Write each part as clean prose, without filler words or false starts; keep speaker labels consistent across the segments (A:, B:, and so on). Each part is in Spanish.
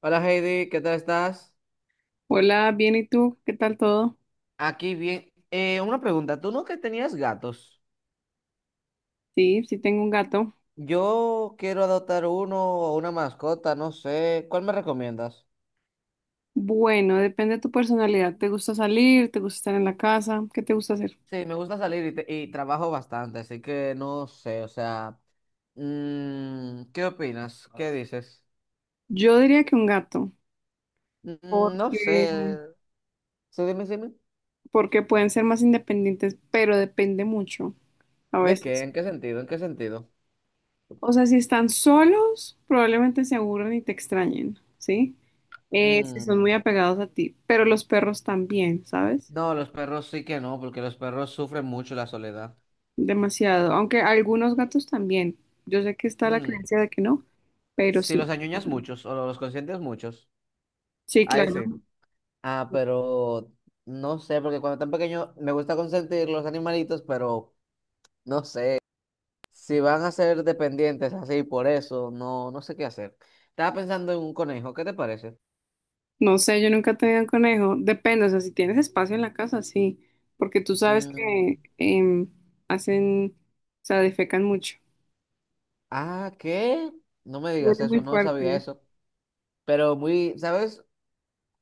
A: Hola Heidi, ¿qué tal estás?
B: Hola, bien, ¿y tú? ¿Qué tal todo?
A: Aquí bien. Una pregunta, ¿tú no que tenías gatos?
B: Sí, sí tengo un gato.
A: Yo quiero adoptar uno o una mascota, no sé. ¿Cuál me recomiendas?
B: Bueno, depende de tu personalidad. ¿Te gusta salir? ¿Te gusta estar en la casa? ¿Qué te gusta hacer?
A: Sí, me gusta salir y, y trabajo bastante, así que no sé, o sea, ¿qué opinas? ¿Qué dices?
B: Yo diría que un gato,
A: Mm, no
B: porque,
A: sé. Sí, dime, dime.
B: porque pueden ser más independientes, pero depende mucho a
A: ¿De qué?
B: veces.
A: ¿En qué sentido? ¿En qué sentido?
B: O sea, si están solos, probablemente se aburran y te extrañen, ¿sí? Si son
A: Mm,
B: muy apegados a ti, pero los perros también, ¿sabes?
A: no, los perros sí que no, porque los perros sufren mucho la soledad.
B: Demasiado, aunque algunos gatos también. Yo sé que está la
A: Mm.
B: creencia de que no, pero
A: Si los
B: sí.
A: añoñas muchos o los consientes muchos,
B: Sí,
A: a
B: claro.
A: ese. Ah, pero no sé, porque cuando están pequeños me gusta consentir los animalitos, pero no sé. Si van a ser dependientes así, por eso, no, no sé qué hacer. Estaba pensando en un conejo, ¿qué te parece?
B: No sé, yo nunca he tenido un conejo. Depende, o sea, si tienes espacio en la casa, sí. Porque tú sabes
A: Mm,
B: que hacen, o sea, defecan mucho.
A: ah, ¿qué? No me digas
B: Huele muy
A: eso, no sabía
B: fuerte.
A: eso. Pero muy, ¿sabes?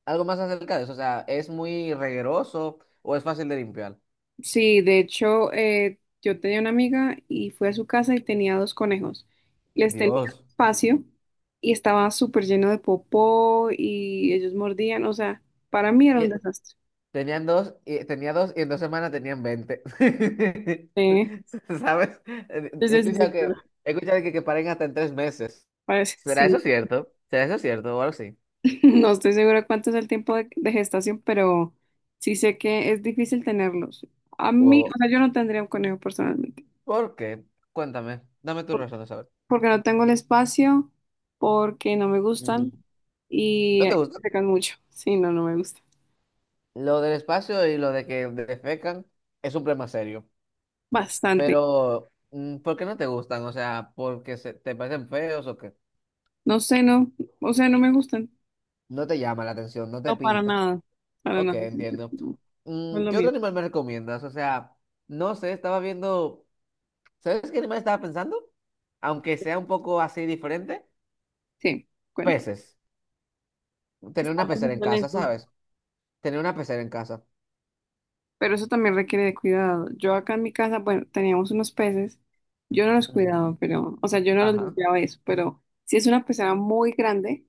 A: Algo más acerca de eso, o sea, ¿es muy regueroso o es fácil de limpiar?
B: Sí, de hecho, yo tenía una amiga y fui a su casa y tenía dos conejos. Les tenía
A: Dios.
B: espacio y estaba súper lleno de popó y ellos mordían, o sea, para mí era
A: Y,
B: un
A: e
B: desastre.
A: Tenían dos, tenía dos y en dos semanas tenían 20
B: Sí,
A: ¿Sabes?
B: sí,
A: He
B: sí,
A: escuchado
B: sí, claro.
A: que que paren hasta en 3 meses.
B: Parece,
A: ¿Será eso
B: sí.
A: cierto? ¿Será eso cierto? O algo así.
B: No estoy segura cuánto es el tiempo de gestación, pero sí sé que es difícil tenerlos. A mí,
A: ¿O
B: o sea, yo no tendría un conejo personalmente,
A: por qué? Cuéntame. Dame tus
B: por-
A: razones, a ver.
B: porque no tengo el espacio, porque no me gustan
A: Mm,
B: y
A: ¿no te gusta?
B: secan mucho. Sí, no, no me gusta.
A: Lo del espacio y lo de que defecan es un problema serio.
B: Bastante.
A: Pero, mm, ¿por qué no te gustan? O sea, ¿porque se, te parecen feos o qué?
B: No sé, no, o sea, no me gustan.
A: No te llama la atención, no te
B: No, para
A: pinta.
B: nada, para
A: Ok,
B: nada.
A: entiendo.
B: No, no es
A: Mm,
B: lo
A: ¿qué otro
B: mío.
A: animal me recomiendas? O sea, no sé, estaba viendo. ¿Sabes qué animal estaba pensando? Aunque sea un poco así diferente,
B: Sí, cuento.
A: peces. Tener una
B: Estaba
A: pecera en
B: pensando en
A: casa,
B: eso.
A: ¿sabes? Tener una pecera en casa.
B: Pero eso también requiere de cuidado. Yo acá en mi casa, bueno, teníamos unos peces. Yo no los
A: Ujú.
B: cuidaba, pero, o sea, yo no los
A: Ajá.
B: limpiaba eso, pero si es una pecera muy grande,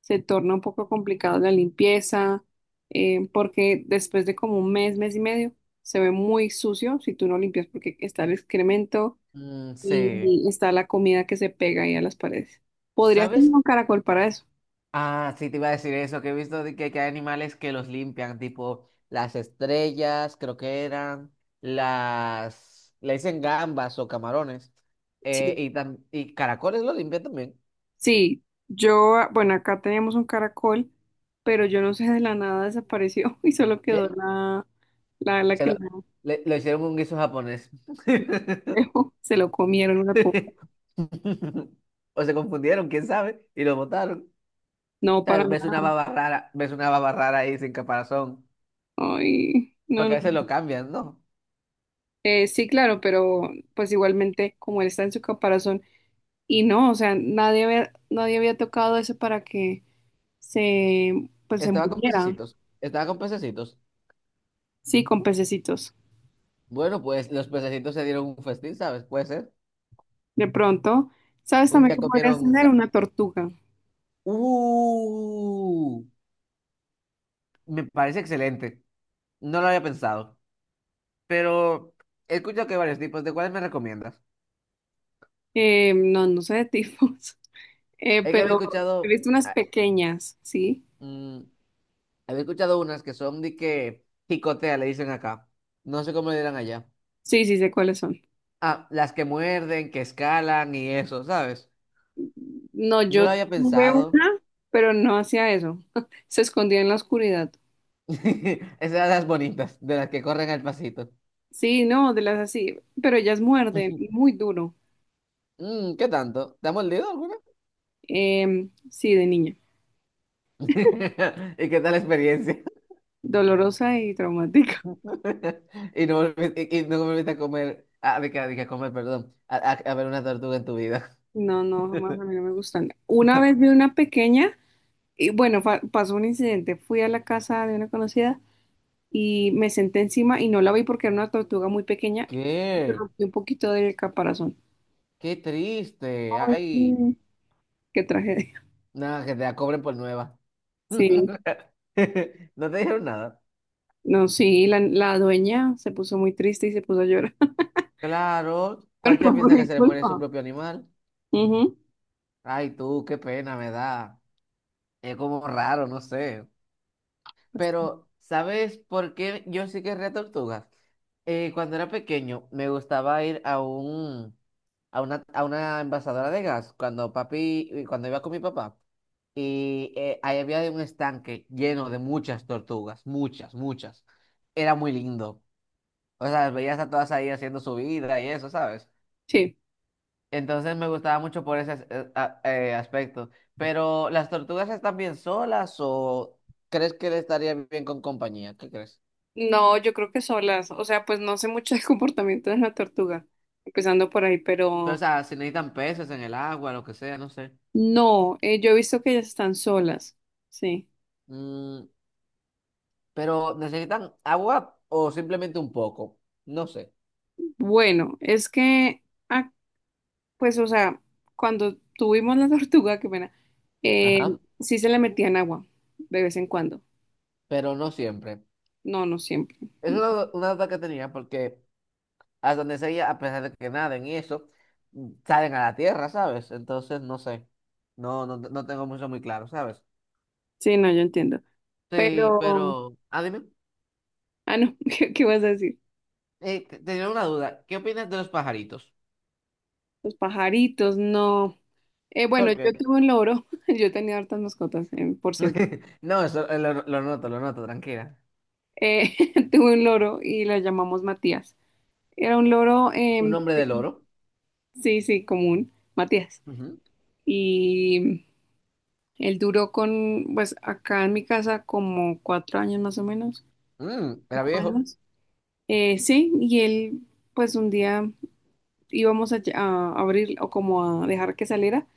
B: se torna un poco complicado la limpieza, porque después de como un mes, mes y medio, se ve muy sucio si tú no limpias, porque está el excremento
A: Mm, sí.
B: y está la comida que se pega ahí a las paredes. Podrías
A: ¿Sabes?
B: tener un caracol para eso.
A: Ah, sí, te iba a decir eso, que he visto de que hay animales que los limpian, tipo las estrellas, creo que eran, las... Le dicen gambas o camarones.
B: Sí.
A: Y caracoles lo limpian también.
B: Sí, yo, bueno, acá teníamos un caracol, pero yo no sé, de la nada desapareció y solo quedó
A: ¿Qué?
B: la,
A: Se
B: que
A: lo,
B: la
A: lo hicieron un guiso japonés.
B: dejó. Se lo comieron una poco.
A: O se confundieron, quién sabe, y lo botaron. O
B: No,
A: sea,
B: para nada.
A: ves una baba rara ahí sin caparazón.
B: Ay, no,
A: Porque a
B: no.
A: veces lo cambian, ¿no?
B: Sí, claro, pero pues igualmente, como él está en su caparazón, y no, o sea, nadie había tocado eso para que se, pues se muriera.
A: Estaba con pececitos.
B: Sí, con pececitos.
A: Bueno, pues los pececitos se dieron un festín, ¿sabes? Puede ser.
B: De pronto, ¿sabes
A: Un
B: también
A: día
B: que podrías
A: comieron...
B: tener una tortuga?
A: ¡Uh! Me parece excelente. No lo había pensado. Pero he escuchado que hay varios tipos. ¿De cuáles me recomiendas?
B: No, no sé de tifos.
A: Es que había
B: Pero he
A: escuchado...
B: visto unas pequeñas, ¿sí?
A: mm, Había escuchado unas que son de que picotea, le dicen acá. No sé cómo le dirán allá.
B: Sí, sí, sé cuáles son.
A: Ah, las que muerden, que escalan y eso, ¿sabes?
B: No,
A: No
B: yo
A: lo había
B: tuve
A: pensado.
B: una, pero no hacía eso. Se escondía en la oscuridad.
A: Esas eran las bonitas, de las que corren al pasito.
B: Sí, no, de las así, pero ellas muerden muy duro.
A: Mm, ¿qué tanto? ¿Te ha mordido alguna?
B: Sí, de niña.
A: ¿Y qué tal la experiencia?
B: Dolorosa y traumática.
A: Y no volviste, no volviste a comer, ah, de que a comer, perdón, a ver una tortuga en tu vida.
B: No, no, jamás a mí no me gustan. Una vez vi una pequeña y bueno, pasó un incidente. Fui a la casa de una conocida y me senté encima y no la vi porque era una tortuga muy pequeña y me
A: ¿Qué?
B: rompí un poquito del caparazón.
A: Qué triste.
B: Ay,
A: Ay,
B: sí. Qué tragedia.
A: nada, que te la cobren por nueva.
B: Sí,
A: No te dijeron nada.
B: no, sí, la dueña se puso muy triste y se puso a llorar,
A: Claro,
B: pero
A: cualquiera
B: no fue
A: piensa que
B: mi
A: se le muere su
B: culpa.
A: propio animal.
B: Ujú.
A: Ay, tú, qué pena me da. Es como raro, no sé. Pero, ¿sabes por qué yo sí querría tortugas? Cuando era pequeño, me gustaba ir a un, a una envasadora de gas, cuando papi, cuando iba con mi papá. Y ahí había un estanque lleno de muchas tortugas, muchas, muchas. Era muy lindo. O sea, las veías a todas ahí haciendo su vida y eso, sabes.
B: Sí.
A: Entonces me gustaba mucho por ese aspecto. Pero, ¿las tortugas están bien solas o crees que le estaría bien con compañía? ¿Qué crees?
B: No, yo creo que solas. O sea, pues no sé mucho del comportamiento de la tortuga, empezando por ahí,
A: Pero, o
B: pero
A: sea, si necesitan peces en el agua, lo que sea, no sé.
B: no, yo he visto que ellas están solas. Sí.
A: Mm, pero, ¿necesitan agua o simplemente un poco? No sé.
B: Bueno, es que, ah, pues, o sea, cuando tuvimos la tortuga, qué pena, eh,
A: Ajá.
B: sí se le metían agua de vez en cuando.
A: Pero no siempre.
B: No, no siempre.
A: Es una duda que tenía porque a donde sea, a pesar de que naden y eso, mm, salen a la tierra, ¿sabes? Entonces, no sé. No tengo mucho muy claro, ¿sabes?
B: Sí, no, yo entiendo.
A: Sí,
B: Pero,
A: pero, ah, dime,
B: no, ¿qué, vas a decir?
A: tenía una duda. ¿Qué opinas de los pajaritos?
B: Los pajaritos, no. Bueno,
A: ¿Por qué?
B: yo tuve un loro, yo tenía hartas mascotas, por cierto.
A: No, eso lo noto, tranquila.
B: Eh, Tuve un loro y lo llamamos Matías. Era un loro,
A: Un hombre del oro.
B: sí, sí, común, Matías.
A: Ujú.
B: Y él duró con, pues acá en mi casa como 4 años más o menos,
A: Mm, era
B: cinco
A: viejo.
B: años. Sí, y él, pues un día íbamos a, a abrir o como a dejar que saliera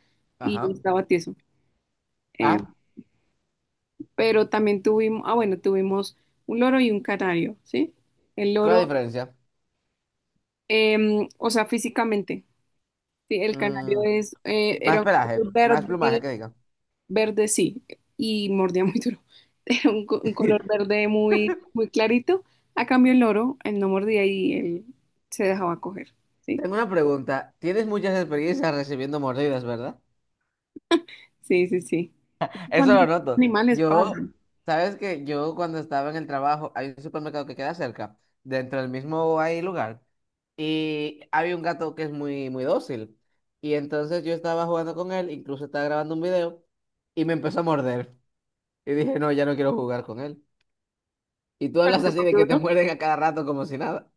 B: y
A: Ajá.
B: estaba tieso. Eh,
A: Ah,
B: pero también tuvimos, bueno, tuvimos un loro y un canario, ¿sí? El
A: ¿cuál es la
B: loro,
A: diferencia?
B: o sea, físicamente, sí, el canario
A: Mm,
B: es, era
A: más
B: un
A: pelaje,
B: color
A: más plumaje
B: verde,
A: que diga.
B: verde, sí, y mordía muy duro, era un, un color verde muy, muy clarito, a cambio el loro, él no mordía y él se dejaba coger, ¿sí?
A: Tengo una pregunta. Tienes muchas experiencias recibiendo mordidas, ¿verdad?
B: Sí, sí, sí.
A: Eso
B: Cuando
A: lo
B: los
A: noto.
B: animales
A: Yo,
B: pasan,
A: sabes que yo cuando estaba en el trabajo, hay un supermercado que queda cerca, dentro del mismo hay lugar, y había un gato que es muy, muy dócil. Y entonces yo estaba jugando con él, incluso estaba grabando un video, y me empezó a morder. Y dije, no, ya no quiero jugar con él. Y tú hablas así
B: ¿súper
A: de que te
B: duro?
A: muerden a cada rato como si nada.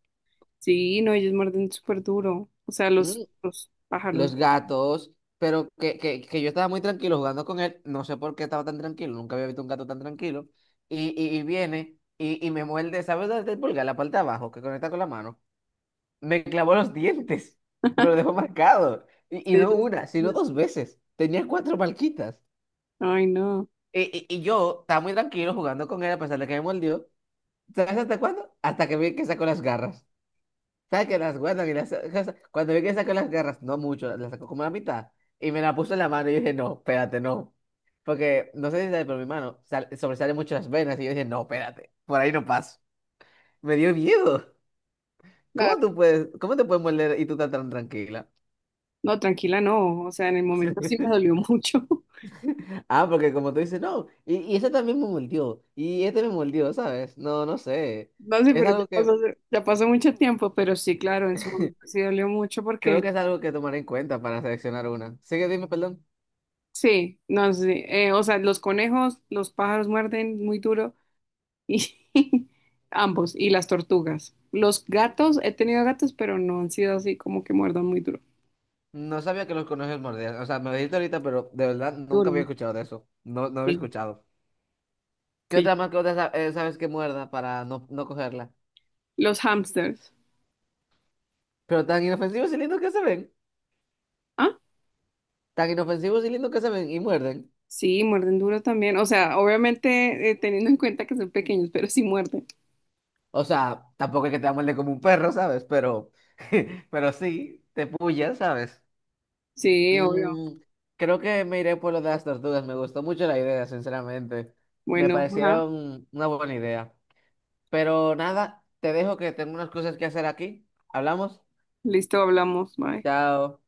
B: Sí, no, ellos muerden súper duro, o sea, los pájaros.
A: Los gatos, pero que yo estaba muy tranquilo jugando con él, no sé por qué estaba tan tranquilo, nunca había visto un gato tan tranquilo, y viene y me muerde, ¿sabes dónde está el pulgar? La parte de abajo, que conecta con la mano, me clavó los dientes, me lo dejó marcado, y no
B: ellos-
A: una, sino dos veces, tenía cuatro marquitas,
B: Ay, no.
A: y, y yo estaba muy tranquilo jugando con él a pesar de que me mordió, ¿sabes hasta cuándo? Hasta que vi que sacó las garras. ¿Sabes que las guardan y las saca-? Cuando vi que sacó las garras, no mucho, las sacó como la mitad. Y me la puso en la mano y yo dije, no, espérate, no. Porque no sé si sabes, pero mi mano sobresale mucho las venas. Y yo dije, no, espérate, por ahí no paso. Me dio miedo.
B: Ah,
A: ¿Cómo tú puedes, cómo te puedes morder y tú estás tan tranquila?
B: no, tranquila, no. O sea, en el momento sí me dolió mucho.
A: Ah, porque como tú dices, no. Y ese también me mordió. Y este me mordió, ¿sabes? No, no sé.
B: No sé,
A: Es
B: pero ya
A: algo que
B: pasó, ya pasó mucho tiempo, pero sí, claro, en su momento sí dolió mucho
A: creo
B: porque
A: que es algo que tomar en cuenta para seleccionar una. Sigue, dime, perdón.
B: sí, no sé. O sea, los conejos, los pájaros muerden muy duro y ambos, y las tortugas. Los gatos, he tenido gatos, pero no han sido así como que muerdan muy duro.
A: No sabía que los conejos mordían. O sea, me lo dijiste ahorita, pero de verdad nunca había
B: Duro,
A: escuchado de eso. No, no había
B: sí,
A: escuchado. ¿Qué
B: sí.
A: otra mascota sabes que muerda para no, no cogerla?
B: Los hamsters.
A: Pero tan inofensivos y lindos que se ven.
B: Ah,
A: Tan inofensivos y lindos que se ven y muerden.
B: sí, muerden duro también. O sea, obviamente teniendo en cuenta que son pequeños, pero sí muerden.
A: O sea, tampoco es que te muerde como un perro, ¿sabes? Pero, pero sí, te pullan, ¿sabes?
B: Sí, obvio.
A: Mm, creo que me iré por lo de las tortugas. Me gustó mucho la idea, sinceramente. Me
B: Bueno, hola.
A: parecieron una buena idea. Pero nada, te dejo que tengo unas cosas que hacer aquí. ¿Hablamos?
B: Listo, hablamos. Bye.
A: Chao.